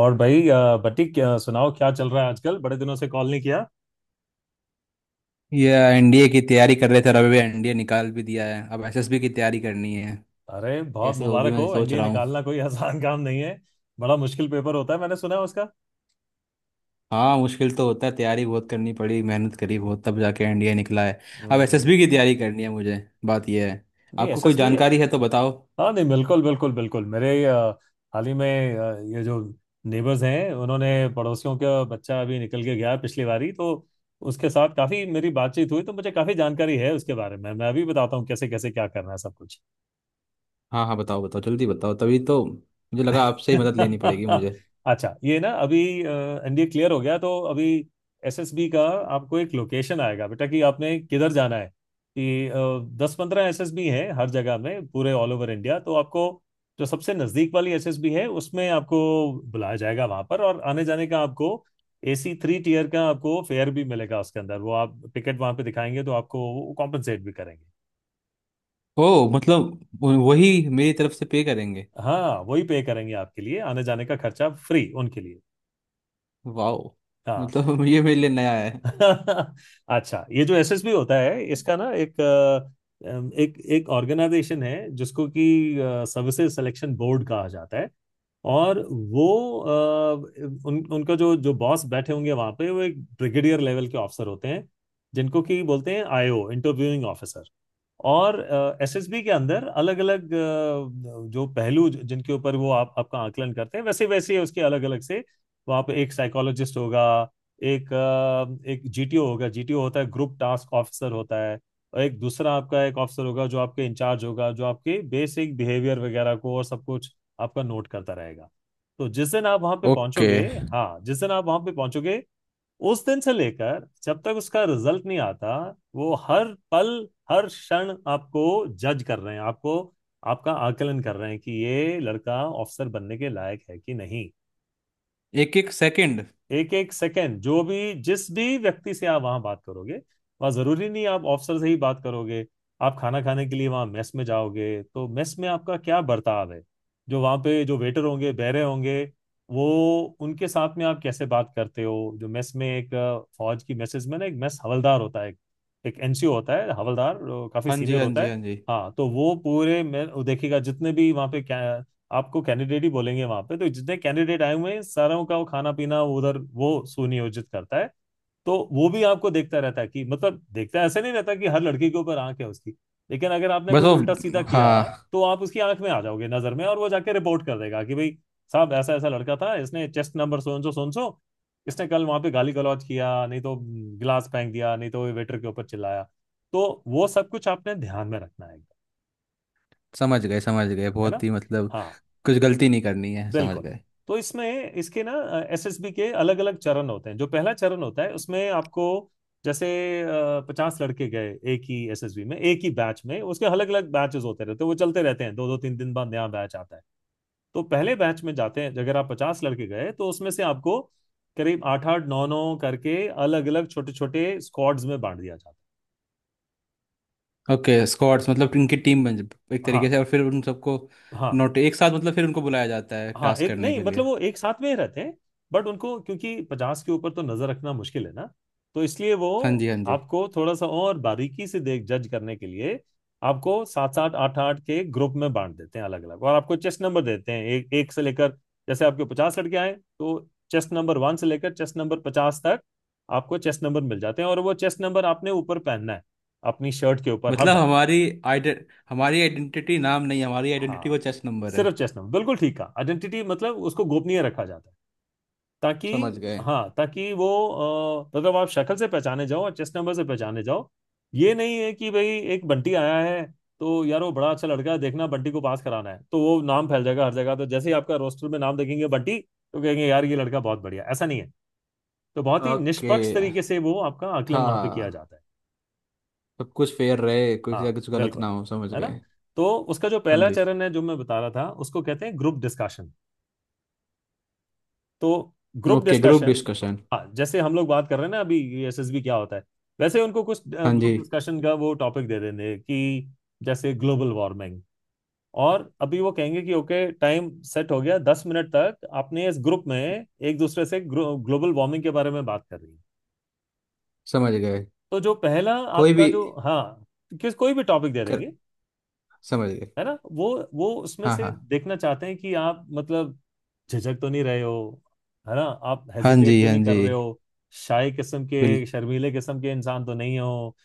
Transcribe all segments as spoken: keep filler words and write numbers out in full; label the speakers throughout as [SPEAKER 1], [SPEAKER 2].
[SPEAKER 1] और भाई अ, बटी क्या सुनाओ, क्या चल रहा है आजकल? बड़े दिनों से कॉल नहीं किया।
[SPEAKER 2] ये एनडीए की तैयारी कर रहे थे, रवि। एन डी ए निकाल भी दिया है, अब एस एस बी की तैयारी करनी है।
[SPEAKER 1] अरे बहुत
[SPEAKER 2] कैसे होगी,
[SPEAKER 1] मुबारक हो,
[SPEAKER 2] मैं सोच
[SPEAKER 1] एनडीए
[SPEAKER 2] रहा हूँ।
[SPEAKER 1] निकालना कोई आसान काम नहीं है। बड़ा मुश्किल पेपर होता है, मैंने सुना है उसका।
[SPEAKER 2] हाँ, मुश्किल तो होता है, तैयारी बहुत करनी पड़ी। मेहनत करी बहुत, तब जाके एन डी ए निकला है। अब
[SPEAKER 1] हम्म
[SPEAKER 2] एसएसबी की तैयारी करनी है मुझे। बात यह है,
[SPEAKER 1] नहीं,
[SPEAKER 2] आपको कोई
[SPEAKER 1] एसएसबी है।
[SPEAKER 2] जानकारी है तो बताओ।
[SPEAKER 1] हाँ नहीं, बिल्कुल बिल्कुल बिल्कुल। मेरे अ, हाल ही में अ, ये जो नेबर्स हैं उन्होंने, पड़ोसियों का बच्चा अभी निकल के गया है पिछली बारी तो। उसके साथ काफी मेरी बातचीत हुई तो मुझे काफी जानकारी है उसके बारे में। मैं अभी बताता हूँ कैसे कैसे क्या करना है सब कुछ।
[SPEAKER 2] हाँ हाँ, बताओ बताओ जल्दी बताओ। तभी तो मुझे लगा आपसे ही मदद लेनी पड़ेगी मुझे।
[SPEAKER 1] अच्छा ये ना, अभी एनडीए क्लियर हो गया तो अभी एसएसबी का आपको एक लोकेशन आएगा बेटा कि आपने किधर जाना है। कि दस पंद्रह एसएसबी हैं हर जगह में, पूरे ऑल ओवर इंडिया, तो आपको जो सबसे नजदीक वाली एसएसबी है उसमें आपको बुलाया जाएगा वहां पर। और आने जाने का आपको एसी थ्री टीयर का आपको फेयर भी मिलेगा उसके अंदर। वो आप टिकट वहां पे दिखाएंगे तो आपको कॉम्पनसेट भी करेंगे।
[SPEAKER 2] ओ, मतलब वो- वही मेरी तरफ से पे करेंगे।
[SPEAKER 1] हाँ वही पे करेंगे, आपके लिए आने जाने का खर्चा फ्री उनके लिए।
[SPEAKER 2] वाह।
[SPEAKER 1] हाँ।
[SPEAKER 2] मतलब ये मेरे लिए नया है।
[SPEAKER 1] अच्छा, ये जो एसएसबी होता है इसका ना एक अ, अम, एक एक ऑर्गेनाइजेशन है जिसको कि सर्विसेज सिलेक्शन बोर्ड कहा जाता है। और वो अ, उन उनका जो जो बॉस बैठे होंगे वहां पे, वो एक ब्रिगेडियर लेवल के ऑफिसर होते हैं जिनको कि बोलते हैं आईओ, इंटरव्यूइंग ऑफिसर। और एसएसबी के अंदर अलग अलग जो पहलू ज- जिनके ऊपर वो आप आपका आकलन करते हैं, वैसे वैसे उसके अलग अलग से वहाँ पे एक साइकोलॉजिस्ट होगा, एक अ, एक जीटीओ होगा। जीटीओ होता है ग्रुप टास्क ऑफिसर होता है। और एक दूसरा आपका एक ऑफिसर होगा जो आपके इंचार्ज होगा, जो आपके बेसिक बिहेवियर वगैरह को और सब कुछ आपका नोट करता रहेगा। तो जिस दिन आप वहाँ पे
[SPEAKER 2] ओके।
[SPEAKER 1] पहुंचोगे, हाँ, जिस दिन आप वहाँ पे पहुंचोगे, उस दिन से लेकर जब तक उसका रिजल्ट नहीं आता, वो हर पल हर क्षण आपको जज कर रहे हैं, आपको, आपका आकलन कर रहे हैं कि ये लड़का ऑफिसर बनने के लायक है कि नहीं।
[SPEAKER 2] एक एक सेकंड।
[SPEAKER 1] एक एक सेकंड जो भी, जिस भी व्यक्ति से आप वहां बात करोगे, वहां जरूरी नहीं आप ऑफिसर से ही बात करोगे। आप खाना खाने के लिए वहां मेस में जाओगे तो मेस में आपका क्या बर्ताव है, जो वहां पे जो वेटर होंगे, बैरे होंगे, वो, उनके साथ में आप कैसे बात करते हो। जो मेस में एक अ, फौज की मेसेज में ना एक मेस हवलदार होता है, एक एनसीओ होता है। हवलदार अ, काफी
[SPEAKER 2] हाँ जी
[SPEAKER 1] सीनियर
[SPEAKER 2] हाँ
[SPEAKER 1] होता
[SPEAKER 2] जी
[SPEAKER 1] है।
[SPEAKER 2] हाँ जी।
[SPEAKER 1] हाँ तो वो पूरे मैं वो देखेगा, जितने भी वहाँ पे क्या, आपको कैंडिडेट ही बोलेंगे वहां पे, तो जितने कैंडिडेट आए हुए हैं सारों का वो खाना पीना उधर वो सुनियोजित करता है। तो वो भी आपको देखता रहता है कि, मतलब देखता है, ऐसा नहीं रहता कि हर लड़की के ऊपर आंख है उसकी, लेकिन अगर आपने
[SPEAKER 2] बस
[SPEAKER 1] कुछ
[SPEAKER 2] वो।
[SPEAKER 1] उल्टा सीधा किया
[SPEAKER 2] हाँ।
[SPEAKER 1] तो आप उसकी आंख में आ जाओगे, नजर में, और वो जाके रिपोर्ट कर देगा कि भाई साहब ऐसा ऐसा लड़का था, इसने चेस्ट नंबर सोन सो सोन सो, इसने कल वहां पे गाली गलौज किया, नहीं तो गिलास फेंक दिया, नहीं तो वेटर के ऊपर चिल्लाया। तो वो सब कुछ आपने ध्यान में रखना है
[SPEAKER 2] समझ गए समझ गए,
[SPEAKER 1] है
[SPEAKER 2] बहुत
[SPEAKER 1] ना।
[SPEAKER 2] ही मतलब,
[SPEAKER 1] हाँ
[SPEAKER 2] कुछ गलती नहीं करनी है, समझ
[SPEAKER 1] बिल्कुल।
[SPEAKER 2] गए।
[SPEAKER 1] तो इसमें इसके ना एसएसबी के अलग अलग चरण होते हैं। जो पहला चरण होता है उसमें आपको, जैसे पचास लड़के गए एक ही एसएसबी में एक ही बैच में, उसके अलग अलग बैचेस होते रहते हैं वो चलते रहते हैं, दो दो तीन दिन बाद नया बैच आता है। तो पहले बैच में जाते हैं, अगर आप पचास लड़के गए तो उसमें से आपको करीब आठ आठ नौ नौ करके अलग अलग छोटे छोटे स्क्वाड्स में बांट दिया जाता
[SPEAKER 2] ओके, स्क्वाड्स मतलब इनकी टीम बन एक
[SPEAKER 1] है। हाँ
[SPEAKER 2] तरीके से, और फिर उन सबको
[SPEAKER 1] हाँ।
[SPEAKER 2] नोट एक साथ, मतलब फिर उनको बुलाया जाता है
[SPEAKER 1] हाँ
[SPEAKER 2] टास्क
[SPEAKER 1] एक
[SPEAKER 2] करने
[SPEAKER 1] नहीं,
[SPEAKER 2] के
[SPEAKER 1] मतलब
[SPEAKER 2] लिए।
[SPEAKER 1] वो एक साथ में ही रहते हैं, बट उनको, क्योंकि पचास के ऊपर तो नजर रखना मुश्किल है ना, तो इसलिए वो
[SPEAKER 2] हाँ जी हाँ जी।
[SPEAKER 1] आपको थोड़ा सा और बारीकी से देख, जज करने के लिए आपको सात सात आठ आठ के ग्रुप में बांट देते हैं अलग अलग। और आपको चेस्ट नंबर देते हैं एक एक से लेकर, जैसे आपके पचास लड़के आए, तो चेस्ट नंबर वन से लेकर चेस्ट नंबर पचास तक आपको चेस्ट नंबर मिल जाते हैं। और वो चेस्ट नंबर आपने ऊपर पहनना है अपनी शर्ट के ऊपर
[SPEAKER 2] मतलब
[SPEAKER 1] हरदम।
[SPEAKER 2] हमारी आइडे हमारी आइडेंटिटी नाम नहीं है, हमारी आइडेंटिटी
[SPEAKER 1] हाँ,
[SPEAKER 2] वो चेस्ट नंबर है।
[SPEAKER 1] सिर्फ चेस्ट नंबर, बिल्कुल ठीक है, आइडेंटिटी मतलब उसको गोपनीय रखा जाता है ताकि,
[SPEAKER 2] समझ गए।
[SPEAKER 1] हाँ, ताकि वो, अ, मतलब आप शक्ल से पहचाने जाओ और चेस्ट नंबर से पहचाने जाओ। ये नहीं है कि भाई एक बंटी आया है तो यार वो बड़ा अच्छा लड़का है, देखना बंटी को पास कराना है, तो वो नाम फैल जाएगा हर जगह, तो जैसे ही आपका रोस्टर में नाम देखेंगे बंटी, तो कहेंगे यार ये लड़का बहुत बढ़िया, ऐसा नहीं है। तो बहुत ही
[SPEAKER 2] ओके।
[SPEAKER 1] निष्पक्ष तरीके से वो आपका आकलन वहां पे किया
[SPEAKER 2] हाँ,
[SPEAKER 1] जाता है।
[SPEAKER 2] सब कुछ फेयर रहे, कुछ या
[SPEAKER 1] हाँ
[SPEAKER 2] कुछ गलत ना
[SPEAKER 1] बिल्कुल।
[SPEAKER 2] हो, समझ
[SPEAKER 1] है ना।
[SPEAKER 2] गए।
[SPEAKER 1] तो उसका जो
[SPEAKER 2] हाँ
[SPEAKER 1] पहला
[SPEAKER 2] जी।
[SPEAKER 1] चरण है जो मैं बता रहा था उसको कहते हैं ग्रुप डिस्कशन। तो group
[SPEAKER 2] okay, group
[SPEAKER 1] discussion,
[SPEAKER 2] discussion.
[SPEAKER 1] हाँ, जैसे हम लोग बात कर रहे हैं ना अभी एसएसबी क्या होता है, वैसे उनको कुछ
[SPEAKER 2] हाँ जी।
[SPEAKER 1] ग्रुप डिस्कशन का वो टॉपिक दे देंगे कि, जैसे ग्लोबल वार्मिंग, और अभी वो कहेंगे कि ओके टाइम सेट हो गया, दस मिनट तक आपने इस ग्रुप में एक दूसरे से ग्लोबल वार्मिंग के बारे में बात कर रही है।
[SPEAKER 2] समझ गए।
[SPEAKER 1] तो जो पहला
[SPEAKER 2] कोई
[SPEAKER 1] आपका
[SPEAKER 2] भी।
[SPEAKER 1] जो, हाँ, किस कोई भी टॉपिक दे
[SPEAKER 2] कर
[SPEAKER 1] देंगे,
[SPEAKER 2] समझ गए।
[SPEAKER 1] है ना। वो वो उसमें
[SPEAKER 2] हाँ
[SPEAKER 1] से
[SPEAKER 2] हाँ।
[SPEAKER 1] देखना चाहते हैं कि आप, मतलब, झिझक तो नहीं रहे हो, है ना, आप
[SPEAKER 2] हाँ जी
[SPEAKER 1] हेजिटेट तो
[SPEAKER 2] हाँ
[SPEAKER 1] नहीं
[SPEAKER 2] जी।
[SPEAKER 1] कर रहे हो, शाय किस्म के
[SPEAKER 2] बिल
[SPEAKER 1] शर्मीले किस्म के इंसान तो नहीं हो।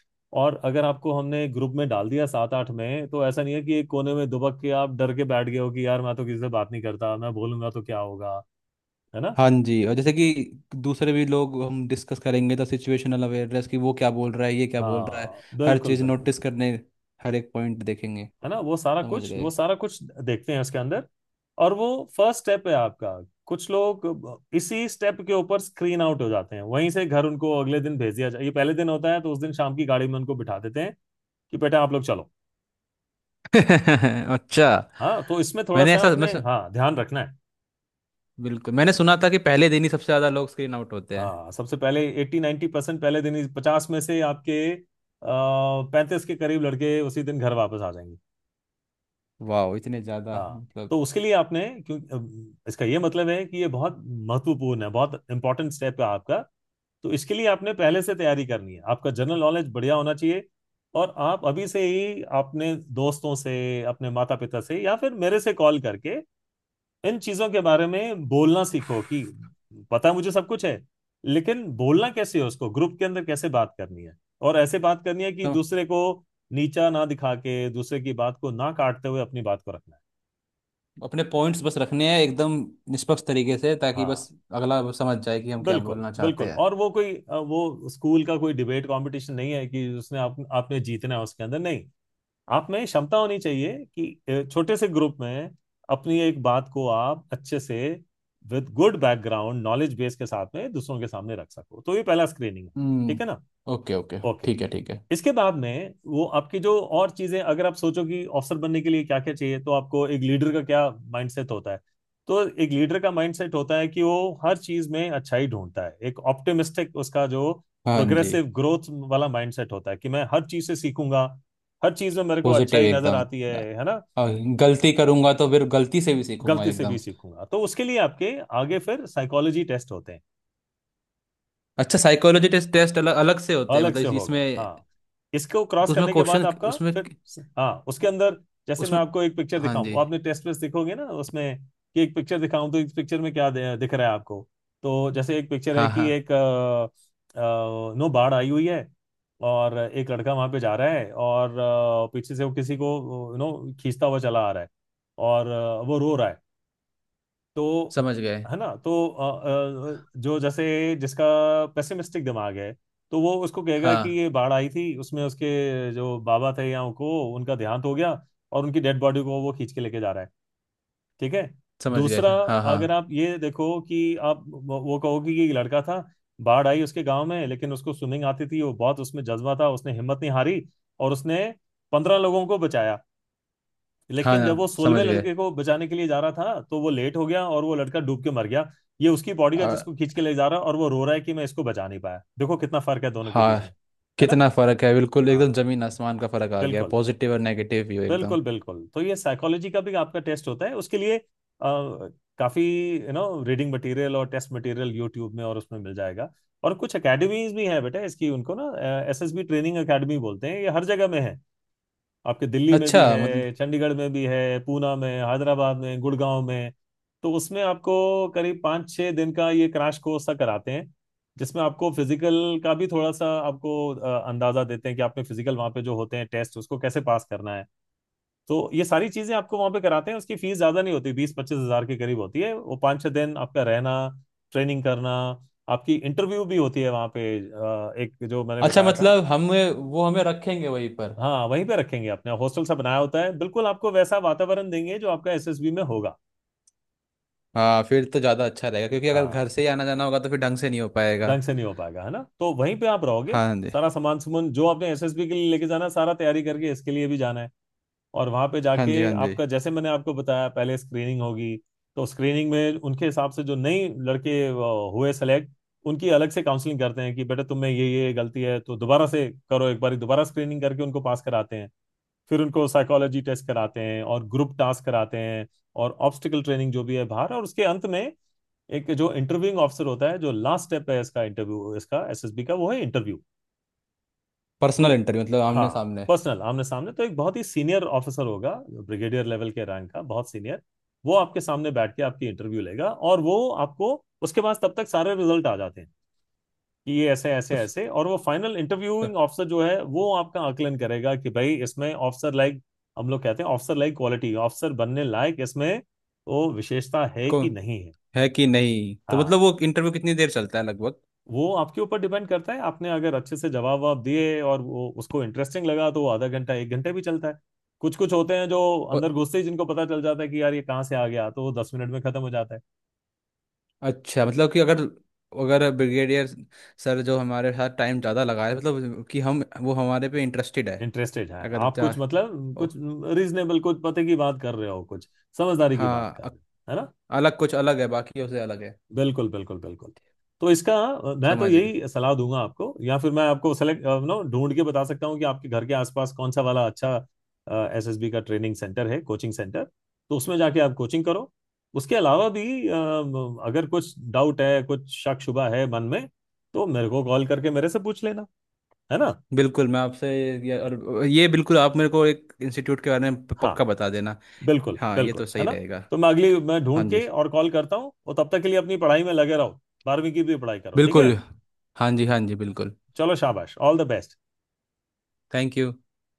[SPEAKER 1] और अगर आपको हमने ग्रुप में डाल दिया सात आठ में, तो ऐसा नहीं है कि एक कोने में दुबक के आप डर के बैठ गए हो कि यार मैं तो किसी से बात नहीं करता, मैं बोलूंगा तो क्या होगा, है ना।
[SPEAKER 2] हाँ जी, और जैसे कि दूसरे भी लोग, हम डिस्कस करेंगे तो सिचुएशनल अवेयरनेस की, वो क्या बोल रहा है, ये क्या बोल रहा है।
[SPEAKER 1] हाँ
[SPEAKER 2] हर
[SPEAKER 1] बिल्कुल
[SPEAKER 2] चीज़
[SPEAKER 1] बिल्कुल।
[SPEAKER 2] नोटिस करने, हर एक पॉइंट देखेंगे।
[SPEAKER 1] है ना। वो सारा
[SPEAKER 2] समझ
[SPEAKER 1] कुछ वो
[SPEAKER 2] गए।
[SPEAKER 1] सारा कुछ देखते हैं उसके अंदर। और वो फर्स्ट स्टेप है आपका। कुछ लोग इसी स्टेप के ऊपर स्क्रीन आउट हो जाते हैं, वहीं से घर उनको अगले दिन भेज दिया जाए, ये पहले दिन होता है तो उस दिन शाम की गाड़ी में उनको बिठा देते हैं कि बेटा आप लोग चलो।
[SPEAKER 2] अच्छा।
[SPEAKER 1] हाँ तो इसमें थोड़ा
[SPEAKER 2] मैंने
[SPEAKER 1] सा
[SPEAKER 2] ऐसा, मैं
[SPEAKER 1] आपने,
[SPEAKER 2] सु-
[SPEAKER 1] हाँ, ध्यान रखना है।
[SPEAKER 2] बिल्कुल मैंने सुना था कि पहले दिन ही सबसे ज्यादा लोग स्क्रीन आउट होते हैं।
[SPEAKER 1] हाँ सबसे पहले एट्टी नाइन्टी परसेंट, पहले दिन पचास में से आपके पैंतीस के करीब लड़के उसी दिन घर वापस आ जाएंगे।
[SPEAKER 2] वाह, इतने ज़्यादा
[SPEAKER 1] हाँ,
[SPEAKER 2] मतलब।
[SPEAKER 1] तो उसके लिए आपने, क्यों अम, इसका ये मतलब है कि ये बहुत महत्वपूर्ण है, बहुत इंपॉर्टेंट स्टेप है आपका। तो इसके लिए आपने पहले से तैयारी करनी है, आपका जनरल नॉलेज बढ़िया होना चाहिए। और आप अभी से ही अपने दोस्तों से, अपने माता पिता से, या फिर मेरे से कॉल करके इन चीजों के बारे में बोलना सीखो कि, पता मुझे सब कुछ है लेकिन बोलना कैसे है उसको, ग्रुप के अंदर कैसे बात करनी है। और ऐसे बात करनी है कि
[SPEAKER 2] तो
[SPEAKER 1] दूसरे को नीचा ना दिखा के, दूसरे की बात को ना काटते हुए अपनी बात को रखना है।
[SPEAKER 2] अपने पॉइंट्स बस रखने हैं, एकदम निष्पक्ष तरीके से, ताकि बस
[SPEAKER 1] हाँ
[SPEAKER 2] अगला वो समझ जाए कि हम क्या
[SPEAKER 1] बिल्कुल,
[SPEAKER 2] बोलना चाहते
[SPEAKER 1] बिल्कुल।
[SPEAKER 2] हैं।
[SPEAKER 1] और वो कोई अ, वो स्कूल का कोई डिबेट कंपटीशन नहीं है कि उसने आप आपने जीतना है उसके अंदर, नहीं। आप में क्षमता होनी चाहिए कि अ, छोटे से ग्रुप में अपनी एक बात को आप अच्छे से with good background knowledge base के साथ में दूसरों के सामने रख सको। तो ये पहला स्क्रीनिंग है, ठीक है ना।
[SPEAKER 2] हम्म, ओके ओके,
[SPEAKER 1] ओके।
[SPEAKER 2] ठीक है ठीक है।
[SPEAKER 1] इसके बाद में वो आपकी जो और चीजें, अगर आप सोचो कि ऑफिसर बनने के लिए क्या क्या चाहिए, तो आपको एक लीडर का क्या माइंडसेट होता है। तो एक लीडर का माइंडसेट होता है कि वो हर चीज में अच्छाई ढूंढता है, एक ऑप्टिमिस्टिक, उसका जो
[SPEAKER 2] हाँ जी।
[SPEAKER 1] प्रोग्रेसिव ग्रोथ वाला माइंडसेट होता है कि मैं हर चीज से सीखूंगा, हर चीज में मेरे को
[SPEAKER 2] पॉजिटिव
[SPEAKER 1] अच्छाई नजर
[SPEAKER 2] एकदम।
[SPEAKER 1] आती है है ना।
[SPEAKER 2] और गलती करूंगा तो फिर गलती से भी सीखूंगा,
[SPEAKER 1] गलती से भी
[SPEAKER 2] एकदम।
[SPEAKER 1] सीखूंगा, तो उसके लिए आपके आगे फिर साइकोलॉजी टेस्ट होते हैं
[SPEAKER 2] अच्छा, साइकोलॉजी टेस्ट टेस्ट अलग अलग से होते हैं
[SPEAKER 1] अलग
[SPEAKER 2] मतलब?
[SPEAKER 1] से।
[SPEAKER 2] इस- इसमें?
[SPEAKER 1] होगा हाँ इसको
[SPEAKER 2] तो
[SPEAKER 1] क्रॉस
[SPEAKER 2] उसमें
[SPEAKER 1] करने के बाद
[SPEAKER 2] क्वेश्चन?
[SPEAKER 1] आपका
[SPEAKER 2] उसमें
[SPEAKER 1] फिर, हाँ उसके अंदर, जैसे मैं
[SPEAKER 2] उसमें
[SPEAKER 1] आपको एक पिक्चर
[SPEAKER 2] हाँ
[SPEAKER 1] दिखाऊं,
[SPEAKER 2] जी।
[SPEAKER 1] वो आपने टेस्ट वेस्ट दिखोगे ना उसमें, कि एक पिक्चर दिखाऊं तो इस पिक्चर में क्या दे- दिख रहा है आपको। तो जैसे एक पिक्चर है
[SPEAKER 2] हाँ
[SPEAKER 1] कि
[SPEAKER 2] हाँ,
[SPEAKER 1] एक अ, अ, नो बाढ़ आई हुई है, और एक लड़का वहां पे जा रहा है और अ, पीछे से वो किसी को, नो खींचता हुआ चला आ रहा है, और अ, वो रो रहा है, तो,
[SPEAKER 2] समझ गए।
[SPEAKER 1] है ना। तो अ, अ, जो जैसे जिसका पेसिमिस्टिक दिमाग है, तो वो उसको कहेगा कि
[SPEAKER 2] हाँ,
[SPEAKER 1] ये बाढ़ आई थी उसमें उसके जो बाबा थे या उनको, उनका देहांत हो गया, और उनकी डेड बॉडी को वो खींच के लेके जा रहा है। ठीक है।
[SPEAKER 2] समझ गए
[SPEAKER 1] दूसरा,
[SPEAKER 2] सर, हाँ हाँ।
[SPEAKER 1] अगर आप ये देखो कि आप वो, वो कहोगे कि ये लड़का था, बाढ़ आई उसके गांव में, लेकिन उसको स्विमिंग आती थी, वो बहुत, उसमें जज्बा था, उसने हिम्मत नहीं हारी, और उसने पंद्रह लोगों को बचाया।
[SPEAKER 2] हाँ
[SPEAKER 1] लेकिन जब वो
[SPEAKER 2] हाँ,
[SPEAKER 1] सोलहवें
[SPEAKER 2] समझ गए।
[SPEAKER 1] लड़के को बचाने के लिए जा रहा था तो वो लेट हो गया और वो लड़का डूब के मर गया। ये उसकी बॉडी का
[SPEAKER 2] और
[SPEAKER 1] जिसको खींच के ले जा रहा है और वो रो रहा है कि मैं इसको बचा नहीं पाया। देखो कितना फर्क है दोनों के बीच
[SPEAKER 2] हाँ,
[SPEAKER 1] में। है ना।
[SPEAKER 2] कितना फर्क है, बिल्कुल एकदम,
[SPEAKER 1] हाँ,
[SPEAKER 2] जमीन आसमान का फर्क आ गया,
[SPEAKER 1] बिल्कुल
[SPEAKER 2] पॉजिटिव और नेगेटिव व्यू एकदम।
[SPEAKER 1] बिल्कुल बिल्कुल। तो ये साइकोलॉजी का भी आपका टेस्ट होता है उसके लिए अ, काफी यू नो रीडिंग मटेरियल और टेस्ट मटेरियल यूट्यूब में और उसमें मिल जाएगा। और कुछ एकेडमीज भी हैं बेटा इसकी, उनको ना एसएसबी ट्रेनिंग एकेडमी बोलते हैं। ये हर जगह में है, आपके दिल्ली में
[SPEAKER 2] अच्छा
[SPEAKER 1] भी
[SPEAKER 2] मतलब।
[SPEAKER 1] है, चंडीगढ़ में भी है, पूना में, हैदराबाद में, गुड़गांव में। तो उसमें आपको करीब पाँच छः दिन का ये क्रैश कोर्स सा कराते हैं, जिसमें आपको फिजिकल का भी थोड़ा सा आपको अ, अंदाजा देते हैं कि आपने फिजिकल वहाँ पे जो होते हैं टेस्ट उसको कैसे पास करना है। तो ये सारी चीज़ें आपको वहाँ पे कराते हैं। उसकी फीस ज़्यादा नहीं होती, बीस पच्चीस हज़ार के करीब होती है। वो पाँच छः दिन आपका रहना, ट्रेनिंग करना। आपकी इंटरव्यू भी होती है वहाँ पे अ, एक जो मैंने
[SPEAKER 2] अच्छा
[SPEAKER 1] बताया था।
[SPEAKER 2] मतलब, हमें वो हमें रखेंगे वहीं पर?
[SPEAKER 1] हाँ, वहीं पे रखेंगे, अपने हॉस्टल सा बनाया होता है, बिल्कुल आपको वैसा वातावरण देंगे जो आपका एसएसबी में होगा।
[SPEAKER 2] हाँ, फिर तो ज़्यादा अच्छा रहेगा, क्योंकि अगर घर
[SPEAKER 1] हाँ,
[SPEAKER 2] से ही आना जाना होगा तो फिर ढंग से नहीं हो पाएगा।
[SPEAKER 1] ढंग से नहीं हो पाएगा, है ना, तो वहीं पे आप रहोगे।
[SPEAKER 2] हाँ जी
[SPEAKER 1] सारा सामान सुमन जो आपने एसएसबी के लिए लेके जाना है, सारा तैयारी करके इसके लिए भी जाना है। और वहां पे
[SPEAKER 2] हाँ जी
[SPEAKER 1] जाके
[SPEAKER 2] हाँ जी।
[SPEAKER 1] आपका, जैसे मैंने आपको बताया, पहले स्क्रीनिंग होगी। तो स्क्रीनिंग में उनके हिसाब से जो नई लड़के अ, हुए सेलेक्ट, उनकी अलग से काउंसलिंग करते हैं कि बेटा तुम में ये ये गलती है, तो दोबारा से करो, एक बार दोबारा स्क्रीनिंग करके उनको पास कराते हैं। फिर उनको साइकोलॉजी टेस्ट कराते हैं, और ग्रुप टास्क कराते हैं, और ऑब्स्टिकल ट्रेनिंग जो भी है बाहर। और उसके अंत में एक जो इंटरव्यूइंग ऑफिसर होता है जो लास्ट स्टेप है इसका, इंटरव्यू, इसका एसएसबी का वो है इंटरव्यू। तो
[SPEAKER 2] पर्सनल इंटरव्यू मतलब
[SPEAKER 1] हाँ,
[SPEAKER 2] आमने सामने?
[SPEAKER 1] पर्सनल आमने सामने, तो एक बहुत ही सीनियर ऑफिसर होगा, ब्रिगेडियर लेवल के रैंक का, बहुत सीनियर। वो आपके सामने बैठ के आपकी इंटरव्यू लेगा। और वो आपको, उसके बाद तब तक सारे रिजल्ट आ जाते हैं कि ये ऐसे ऐसे
[SPEAKER 2] तो फ-
[SPEAKER 1] ऐसे, और वो फाइनल इंटरव्यूइंग ऑफिसर जो है वो आपका आकलन करेगा कि भाई इसमें ऑफिसर लाइक, हम लोग कहते हैं ऑफिसर लाइक क्वालिटी, ऑफिसर बनने लायक इसमें वो विशेषता है
[SPEAKER 2] को
[SPEAKER 1] कि नहीं है।
[SPEAKER 2] है कि नहीं? तो मतलब
[SPEAKER 1] हाँ,
[SPEAKER 2] वो इंटरव्यू कितनी देर चलता है लगभग?
[SPEAKER 1] वो आपके ऊपर डिपेंड करता है। आपने अगर अच्छे से जवाब ववाब दिए और वो उसको इंटरेस्टिंग लगा तो वो आधा घंटा एक घंटे भी चलता है। कुछ कुछ होते हैं जो
[SPEAKER 2] और
[SPEAKER 1] अंदर घुसते ही जिनको पता चल जाता है कि यार ये कहाँ से आ गया, तो वो दस मिनट में खत्म हो जाता है।
[SPEAKER 2] अच्छा मतलब कि अगर अगर ब्रिगेडियर सर जो हमारे साथ टाइम ज़्यादा लगाए, मतलब कि हम वो हमारे पे इंटरेस्टेड है।
[SPEAKER 1] इंटरेस्टेड है
[SPEAKER 2] अगर
[SPEAKER 1] आप,
[SPEAKER 2] जा,
[SPEAKER 1] कुछ मतलब,
[SPEAKER 2] ओ,
[SPEAKER 1] कुछ रीजनेबल, कुछ पते की बात कर रहे हो, कुछ समझदारी की बात
[SPEAKER 2] हाँ,
[SPEAKER 1] कर
[SPEAKER 2] अ-
[SPEAKER 1] रहे हो, है ना।
[SPEAKER 2] अलग, कुछ अलग है, बाकी उसे अलग है।
[SPEAKER 1] बिल्कुल बिल्कुल बिल्कुल। तो इसका अ, मैं तो
[SPEAKER 2] समझ गए।
[SPEAKER 1] यही सलाह दूंगा आपको, या फिर मैं आपको सेलेक्ट नो ढूंढ के बता सकता हूँ कि आपके घर के आसपास कौन सा वाला अच्छा एसएसबी का ट्रेनिंग सेंटर है, कोचिंग सेंटर। तो उसमें जाके आप कोचिंग करो। उसके अलावा भी अ, अगर कुछ डाउट है, कुछ शक शुबा है मन में, तो मेरे को कॉल करके मेरे से पूछ लेना, है ना।
[SPEAKER 2] बिल्कुल, मैं आपसे, ये और ये बिल्कुल, आप मेरे को एक इंस्टीट्यूट के बारे में प-
[SPEAKER 1] हाँ,
[SPEAKER 2] पक्का बता देना।
[SPEAKER 1] बिल्कुल
[SPEAKER 2] हाँ, ये तो
[SPEAKER 1] बिल्कुल, है
[SPEAKER 2] सही
[SPEAKER 1] ना।
[SPEAKER 2] रहेगा।
[SPEAKER 1] तो मैं अगली, मैं
[SPEAKER 2] हाँ
[SPEAKER 1] ढूंढ
[SPEAKER 2] जी
[SPEAKER 1] के और कॉल करता हूँ। और तब तक के लिए अपनी पढ़ाई में लगे रहो। बारहवीं की भी पढ़ाई करो, ठीक है।
[SPEAKER 2] बिल्कुल। हाँ जी हाँ जी बिल्कुल।
[SPEAKER 1] चलो शाबाश, all the best.
[SPEAKER 2] Thank you.